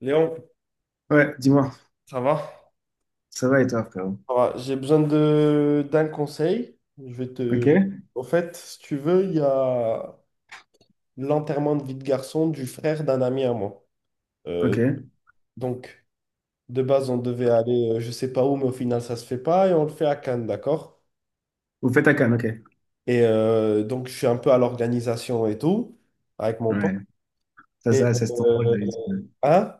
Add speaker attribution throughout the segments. Speaker 1: Léon,
Speaker 2: Ouais, dis-moi,
Speaker 1: ça va?
Speaker 2: ça va et toi, frérot?
Speaker 1: Ça va. J'ai besoin de d'un conseil. Je vais
Speaker 2: Ok,
Speaker 1: te. Au fait, si tu veux, il y a l'enterrement de vie de garçon du frère d'un ami à moi.
Speaker 2: ok.
Speaker 1: Euh, donc, de base, on devait aller, je sais pas où, mais au final, ça se fait pas et on le fait à Cannes, d'accord?
Speaker 2: Vous faites à Cannes, ok.
Speaker 1: Et donc, je suis un peu à l'organisation et tout avec mon pote.
Speaker 2: Ouais, ça,
Speaker 1: Et
Speaker 2: ça, ça c'est ton rôle d'habitude.
Speaker 1: hein?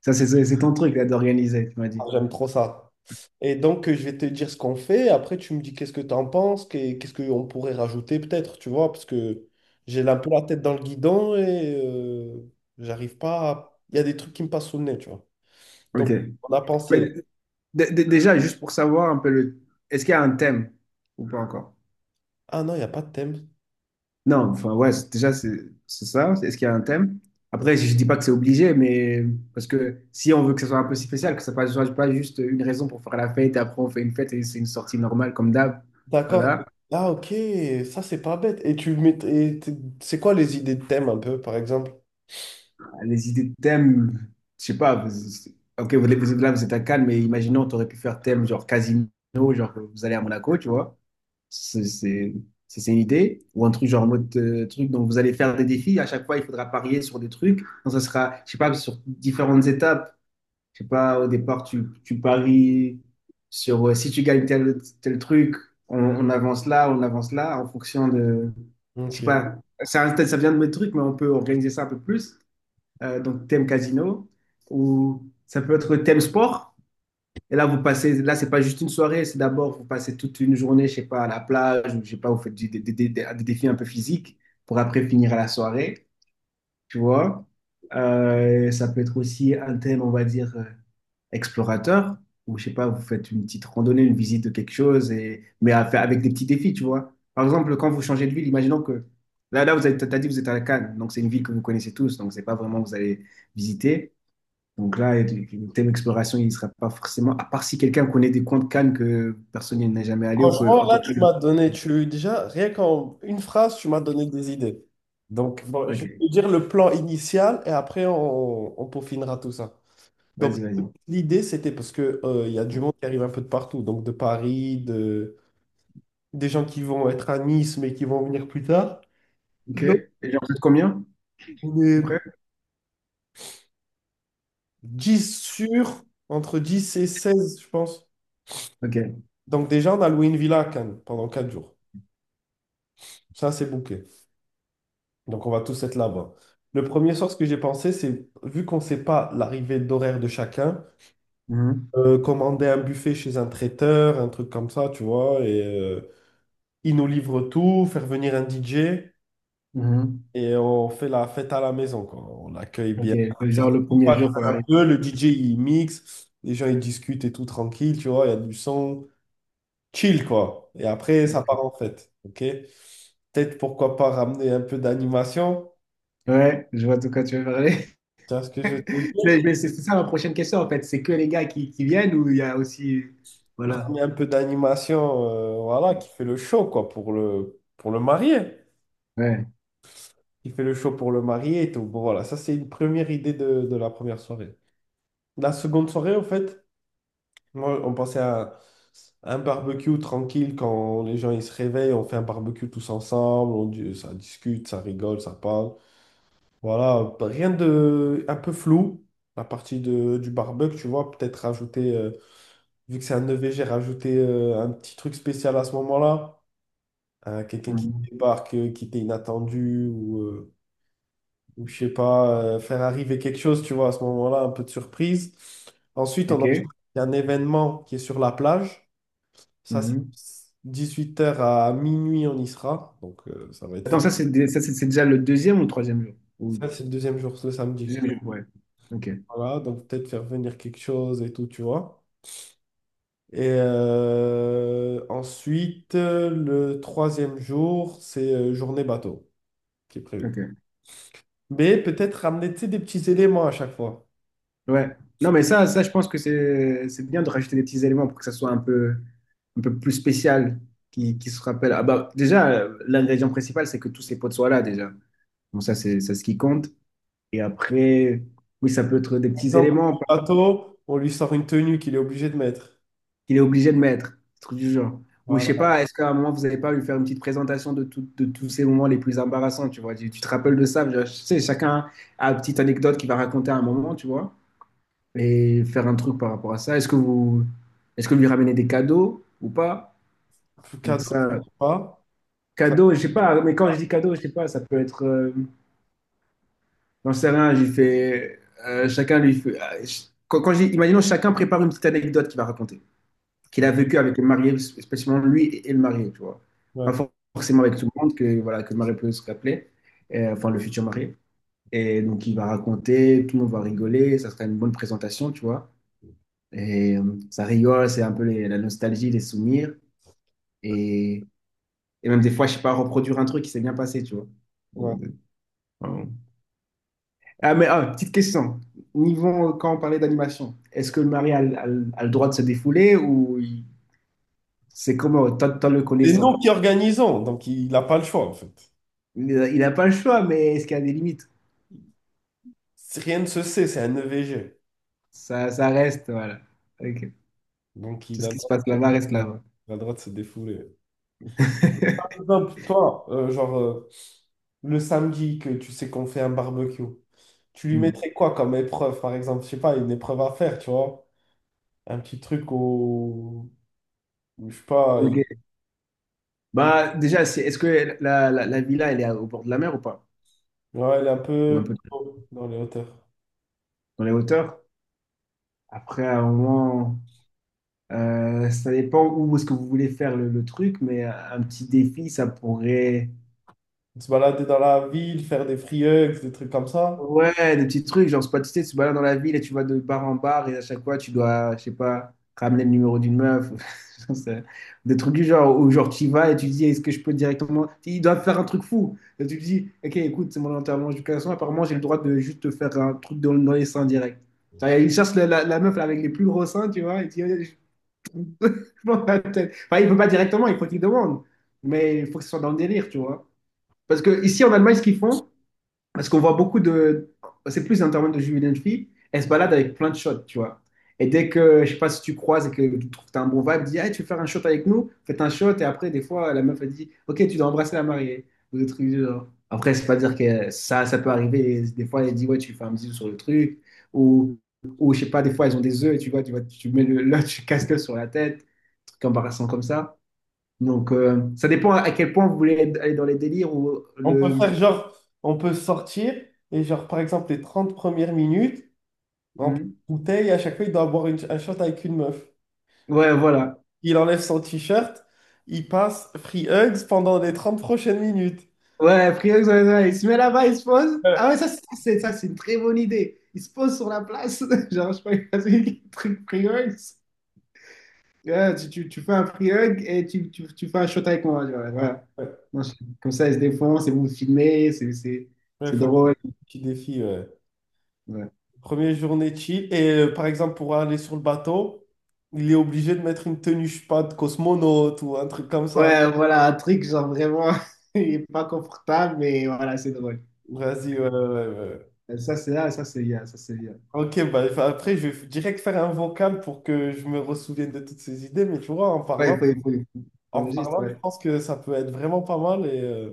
Speaker 2: Ça, c'est ton truc là d'organiser, tu m'as
Speaker 1: Ah,
Speaker 2: dit.
Speaker 1: j'aime trop ça. Et donc, je vais te dire ce qu'on fait. Après, tu me dis qu'est-ce que tu en penses, qu'est-ce qu'on pourrait rajouter peut-être, tu vois, parce que j'ai un peu la tête dans le guidon et j'arrive pas à... Il y a des trucs qui me passent sous le nez, tu vois.
Speaker 2: Ok.
Speaker 1: Donc, on a
Speaker 2: Mais
Speaker 1: pensé,
Speaker 2: déjà, juste pour savoir un peu le. Est-ce qu'il y a un thème ou pas encore?
Speaker 1: ah non, il n'y a pas de thème.
Speaker 2: Non, enfin, ouais, déjà, c'est ça. Est-ce qu'il y a un thème? Après, je dis pas que c'est obligé, mais parce que si on veut que ça soit un peu si spécial, que ça ne soit pas juste une raison pour faire la fête et après on fait une fête et c'est une sortie normale comme d'hab.
Speaker 1: D'accord.
Speaker 2: Voilà.
Speaker 1: Ah, ok, ça, c'est pas bête. Et tu mets... C'est quoi les idées de thème un peu, par exemple?
Speaker 2: Ah, les idées de thème, je sais pas. Ok, vous êtes là, vous êtes à Cannes, mais imaginons, tu aurais pu faire thème genre casino, genre vous allez à Monaco, tu vois. C'est c'est- c'est une idée. Ou un truc genre en mode truc, donc vous allez faire des défis. À chaque fois, il faudra parier sur des trucs. Donc ça sera, je sais pas, sur différentes étapes. Je sais pas, au départ, tu paries sur si tu gagnes tel truc, on avance là, en fonction de, je sais
Speaker 1: Ok.
Speaker 2: pas. Ça vient de mes trucs, mais on peut organiser ça un peu plus donc thème casino, ou ça peut être thème sport. Et là, vous passez, là, c'est pas juste une soirée, c'est d'abord, vous passez toute une journée, je sais pas, à la plage, ou je sais pas, vous faites des défis un peu physiques pour après finir à la soirée, tu vois. Ça peut être aussi un thème, on va dire, explorateur, ou je sais pas, vous faites une petite randonnée, une visite de quelque chose, et, mais à faire avec des petits défis, tu vois. Par exemple, quand vous changez de ville, imaginons que là, vous êtes, t'as dit, que vous êtes à Cannes, donc c'est une ville que vous connaissez tous, donc c'est pas vraiment que vous allez visiter. Donc là, le thème exploration, il ne sera pas forcément, à part si quelqu'un connaît des coins de Cannes que personne n'est jamais allé ou que,
Speaker 1: Franchement,
Speaker 2: en tout
Speaker 1: là, tu
Speaker 2: cas, le-
Speaker 1: m'as donné, tu déjà, rien qu'en une phrase, tu m'as donné des idées. Donc, bon, je
Speaker 2: ok,
Speaker 1: vais te dire le plan initial et après, on peaufinera tout ça. Donc,
Speaker 2: vas-y, vas-y.
Speaker 1: l'idée, c'était parce que, il y a du monde qui arrive un peu de partout, donc de Paris, des gens qui vont être à Nice, mais qui vont venir plus tard.
Speaker 2: Ok,
Speaker 1: Donc,
Speaker 2: et genre, vous êtes combien,
Speaker 1: on
Speaker 2: à peu
Speaker 1: est
Speaker 2: près?
Speaker 1: 10 sur, entre 10 et 16, je pense.
Speaker 2: Ok.
Speaker 1: Donc, déjà, on a loué une villa à Cannes pendant 4 jours. Ça, c'est bouqué. Donc, on va tous être là-bas. Le premier soir, ce que j'ai pensé, c'est, vu qu'on ne sait pas l'arrivée d'horaire de chacun,
Speaker 2: Mhm.
Speaker 1: commander un buffet chez un traiteur, un truc comme ça, tu vois, et il nous livre tout, faire venir un DJ,
Speaker 2: Mhm.
Speaker 1: et on fait la fête à la maison, quoi. On l'accueille
Speaker 2: Ok,
Speaker 1: bien. Comme ça,
Speaker 2: genre
Speaker 1: tout
Speaker 2: le
Speaker 1: le monde
Speaker 2: premier
Speaker 1: parle
Speaker 2: jour pour
Speaker 1: un
Speaker 2: l'arrivée.
Speaker 1: peu, le DJ, il mixe, les gens, ils discutent et tout tranquille, tu vois, il y a du son, chill, quoi. Et après, ça
Speaker 2: Ok.
Speaker 1: part en fête, ok? Peut-être, pourquoi pas, ramener un peu d'animation.
Speaker 2: Ouais, je vois de quoi tu veux parler.
Speaker 1: Tu vois ce que je veux dire
Speaker 2: C'est mais c'est ça ma prochaine question, en fait. C'est que les gars qui viennent ou il y a aussi. Voilà.
Speaker 1: ramener un peu d'animation, voilà, qui fait le show, quoi, pour le marié.
Speaker 2: Ouais.
Speaker 1: Qui fait le show pour le marié et tout. Bon, voilà, ça, c'est une première idée de la première soirée. La seconde soirée, en fait, moi, on pensait à un barbecue tranquille quand les gens ils se réveillent, on fait un barbecue tous ensemble, ça discute, ça rigole, ça parle. Voilà, rien de un peu flou. La partie du barbecue, tu vois, peut-être rajouter, vu que c'est un EVG, rajouter un petit truc spécial à ce moment-là. Quelqu'un qui
Speaker 2: Mhm.
Speaker 1: débarque, qui était inattendu, ou je sais pas, faire arriver quelque chose, tu vois, à ce moment-là, un peu de surprise. Ensuite, on
Speaker 2: Ok.
Speaker 1: enchaîne avec un événement qui est sur la plage. Ça, c'est
Speaker 2: Mhm.
Speaker 1: 8 heures à minuit, on y sera. Donc, ça va être
Speaker 2: Attends,
Speaker 1: facile.
Speaker 2: ça, c'est dé- ça, c'est déjà le deuxième ou le troisième jour? Ou...
Speaker 1: Ça, c'est le deuxième jour, le samedi.
Speaker 2: Deuxième jour, ouais. Ok.
Speaker 1: Voilà, donc peut-être faire venir quelque chose et tout, tu vois. Et ensuite, le troisième jour, c'est journée bateau qui est prévu.
Speaker 2: Ok.
Speaker 1: Mais peut-être ramener, tu sais, des petits éléments à chaque fois.
Speaker 2: Ouais. Non, mais ça, je pense que c'est bien de rajouter des petits éléments pour que ça soit un peu plus spécial, qui se rappelle. Ah bah, déjà, l'ingrédient principal, c'est que tous ces potes soient là, déjà. Bon, ça, c'est ce qui compte. Et après, oui, ça peut être des petits
Speaker 1: Dans
Speaker 2: éléments par
Speaker 1: un
Speaker 2: exemple,
Speaker 1: bateau, on lui sort une tenue qu'il est obligé de mettre.
Speaker 2: qu'il est obligé de mettre, des trucs du genre. Ou je
Speaker 1: Voilà.
Speaker 2: sais pas, est-ce qu'à un moment, vous n'allez pas lui faire une petite présentation de, de tous ces moments les plus embarrassants, tu vois? Tu te rappelles de ça? Je sais, chacun a une petite anecdote qu'il va raconter à un moment, tu vois? Et faire un truc par rapport à ça. Est-ce que vous, est-ce que lui ramener des cadeaux ou pas?
Speaker 1: Plus
Speaker 2: Donc
Speaker 1: cadeau,
Speaker 2: ça,
Speaker 1: pas. Ça,
Speaker 2: cadeaux, je sais pas, mais quand je dis cadeaux, je sais pas, ça peut être, j'en sais rien, j'ai fait, chacun lui fait, ah, quand, imaginons chacun prépare une petite anecdote qu'il va raconter, qu'il a
Speaker 1: ouais,
Speaker 2: vécu avec le marié, spécialement lui et le marié, tu vois. Pas
Speaker 1: ouais.
Speaker 2: for- forcément avec tout le monde, que, voilà, que le marié peut se rappeler, enfin le futur marié. Et donc il va raconter, tout le monde va rigoler, ça sera une bonne présentation, tu vois. Et ça rigole, c'est un peu la nostalgie, les souvenirs. Et, et même des fois, je sais pas, reproduire un truc qui s'est bien passé, tu vois.
Speaker 1: Ouais.
Speaker 2: Euh, voilà. Ah, mais ah, petite question. Niveau, quand on parlait d'animation, est-ce que le mari a, le a le droit de se défouler ou c'est comment, tant le
Speaker 1: C'est nous
Speaker 2: connaissant?
Speaker 1: qui organisons, donc il n'a pas le choix en fait.
Speaker 2: Il n'a pas le choix, mais est-ce qu'il y a des limites?
Speaker 1: Rien ne se sait, c'est un EVG.
Speaker 2: Ça reste, voilà. Ok.
Speaker 1: Donc
Speaker 2: Tout
Speaker 1: il
Speaker 2: ce
Speaker 1: a le
Speaker 2: qui se
Speaker 1: droit,
Speaker 2: passe là-bas reste là-bas.
Speaker 1: il a le droit de se défouler. Par exemple, toi, genre le samedi que tu sais qu'on fait un barbecue, tu lui
Speaker 2: Hmm.
Speaker 1: mettrais quoi comme épreuve, par exemple? Je sais pas, une épreuve à faire, tu vois? Un petit truc au. Je sais pas,
Speaker 2: Ok.
Speaker 1: il-
Speaker 2: Bah, déjà, c'est- est-ce que la villa, elle est au bord de la mer ou pas?
Speaker 1: ouais, il est un
Speaker 2: Ou un
Speaker 1: peu
Speaker 2: peu
Speaker 1: dans les hauteurs.
Speaker 2: dans les hauteurs? Après, à un moment, ça dépend où est-ce que vous voulez faire le truc, mais un petit défi, ça pourrait.
Speaker 1: Se balader dans la ville, faire des free hugs, des trucs comme ça.
Speaker 2: Ouais, des petits trucs, genre, c'est pas, tu sais, tu te balades dans la ville et tu vas de bar en bar et à chaque fois, tu dois, je sais pas, ramener le numéro d'une meuf. C'est- des trucs du genre, où genre, tu y vas et tu dis, est-ce que je peux directement. Ils doivent faire un truc fou. Et tu te dis, ok, écoute, c'est mon enterrement d'éducation, apparemment, j'ai le droit de juste te faire un truc dans, dans les seins direct. Genre, ils cherchent la meuf avec les plus gros seins, tu vois, et dans la tête. Enfin, il ne peut pas directement, il faut qu'il demande. Mais il faut que ce soit dans le délire, tu vois. Parce que ici en Allemagne, ce qu'ils font, parce qu'on voit beaucoup de. C'est plus un terme de jeunes et de filles, elles se baladent avec plein de shots, tu vois. Et dès que, je sais pas si tu croises et que tu trouves que t'as un bon vibe, dis, hey, tu veux faire un shot avec nous? Faites un shot. Et après, des fois, la meuf, elle dit, ok, tu dois embrasser la mariée. Ou des trucs du genre. Après, c'est pas dire que ça peut arriver. Des fois, elle dit, ouais, tu fais un bisou sur le truc. Ou, ou je sais pas, des fois, elles ont des œufs et tu vois, vois, tu mets le, là, tu casques sur la tête comparaison comme ça. Donc, ça dépend à quel point vous voulez aller dans les délires ou
Speaker 1: On peut
Speaker 2: le.
Speaker 1: faire genre, on peut sortir et genre, par exemple, les 30 premières minutes, on prend
Speaker 2: Hmm.
Speaker 1: une bouteille, à chaque fois, il doit boire un shot avec une meuf.
Speaker 2: Ouais, voilà.
Speaker 1: Il enlève son t-shirt, il passe free hugs pendant les 30 prochaines minutes.
Speaker 2: Ouais, Friox, ouais, ouais, il se met là-bas, il se pose. Ah ouais,
Speaker 1: Ouais,
Speaker 2: ça, ça, c'est une très bonne idée. Il se pose sur la place. Genre, je sais pas, il passe un truc free hugs. Ouais, tu fais un free hug et tu fais un shot avec moi. Genre, voilà. Non, je- comme ça, il se défonce et vous filmez,
Speaker 1: il
Speaker 2: c'est
Speaker 1: faut lui
Speaker 2: drôle.
Speaker 1: faire un petit défi. Ouais.
Speaker 2: Ouais.
Speaker 1: Première journée chill. Et par exemple, pour aller sur le bateau, il est obligé de mettre une tenue, je sais pas, de cosmonaute ou un truc comme ça.
Speaker 2: Ouais, voilà, un truc genre vraiment, il est pas confortable, mais voilà, c'est drôle.
Speaker 1: Vas-y, ouais, ouais, ouais. Ouais.
Speaker 2: Ça, c'est là, ça, c'est IA, ça, c'est IA.
Speaker 1: Ok, bah, après, je vais direct faire un vocal pour que je me ressouvienne de toutes ces idées, mais tu vois, en
Speaker 2: Ouais,
Speaker 1: parlant,
Speaker 2: il faut. T'enregistres,
Speaker 1: je
Speaker 2: ouais.
Speaker 1: pense que ça peut être vraiment pas mal. Et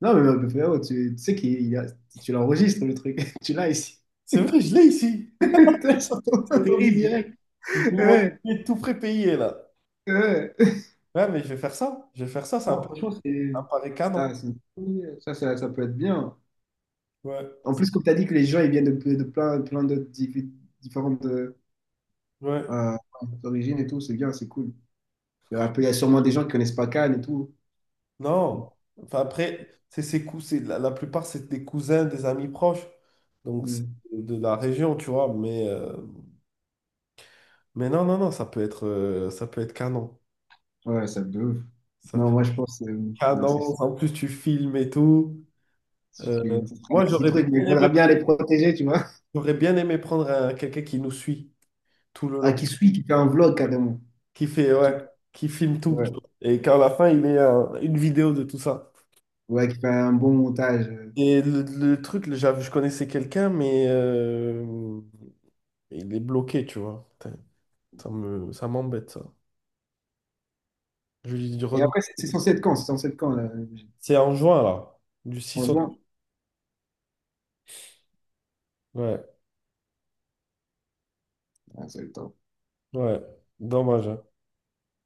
Speaker 2: Non, mais frérot, tu sais qu'il y a- tu l'enregistres, le truc. Tu l'as ici.
Speaker 1: c'est vrai, je l'ai ici.
Speaker 2: Tu l'as sur ton
Speaker 1: C'est
Speaker 2: ordi
Speaker 1: terrible.
Speaker 2: direct.
Speaker 1: Je mon
Speaker 2: Ouais,
Speaker 1: idée tout prépayé là.
Speaker 2: ouais.
Speaker 1: Ouais, mais je vais faire ça. Je vais faire ça,
Speaker 2: Non, franchement,
Speaker 1: ça
Speaker 2: c'est...
Speaker 1: me paraît
Speaker 2: ah,
Speaker 1: canon.
Speaker 2: c'est une bonne idée. Ça peut être bien.
Speaker 1: Ouais,
Speaker 2: En plus, comme tu as dit que les gens, ils viennent de plein, plein d'autres différentes
Speaker 1: ouais.
Speaker 2: euh, origines et tout, c'est bien, c'est cool. Il y a un peu- il y a sûrement des gens qui connaissent pas Cannes et tout.
Speaker 1: Non. Enfin, après, c'est la plupart, c'est des cousins, des amis proches. Donc, c'est
Speaker 2: Mm.
Speaker 1: de la région, tu vois. Mais non, non, non, ça peut être canon.
Speaker 2: Ouais, ça de ouf.
Speaker 1: Ça
Speaker 2: Non, moi, je pense... non, c'est...
Speaker 1: cadence, en plus tu filmes et tout.
Speaker 2: Si tu feras
Speaker 1: Euh,
Speaker 2: des
Speaker 1: moi,
Speaker 2: petits
Speaker 1: j'aurais bien
Speaker 2: trucs, mais il
Speaker 1: aimé,
Speaker 2: faudra bien les protéger, tu vois.
Speaker 1: prendre quelqu'un qui nous suit tout le
Speaker 2: Ah,
Speaker 1: long,
Speaker 2: qui suit, qui fait un vlog carrément.
Speaker 1: qui fait,
Speaker 2: C'est tout.
Speaker 1: ouais, qui filme tout,
Speaker 2: Ouais.
Speaker 1: tu vois. Et qu'à la fin, il ait une vidéo de tout ça.
Speaker 2: Ouais, qui fait un bon montage.
Speaker 1: Et le truc, je connaissais quelqu'un, mais il est bloqué, tu vois. Putain, ça m'embête, ça. Je lui dis,
Speaker 2: Et
Speaker 1: redemande.
Speaker 2: après, c'est censé être quand? C'est censé être quand, là?
Speaker 1: C'est en juin, là, du
Speaker 2: En
Speaker 1: 6 au...
Speaker 2: juin?
Speaker 1: Ouais,
Speaker 2: Ah, c'est le temps.
Speaker 1: ouais, dommage. Hein.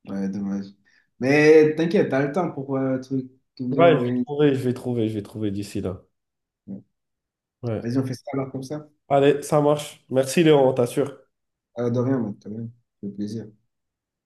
Speaker 2: Ouais, dommage. Mais t'inquiète, t'as le temps pour le truc qui est bien
Speaker 1: Ouais, je vais
Speaker 2: organisé.
Speaker 1: trouver, je vais trouver, je vais trouver d'ici là.
Speaker 2: Ouais.
Speaker 1: Ouais.
Speaker 2: Vas-y, on fait ça alors comme ça.
Speaker 1: Allez, ça marche. Merci Léon, on t'assure.
Speaker 2: Ah, de rien, mec, de rien. Ça fait plaisir.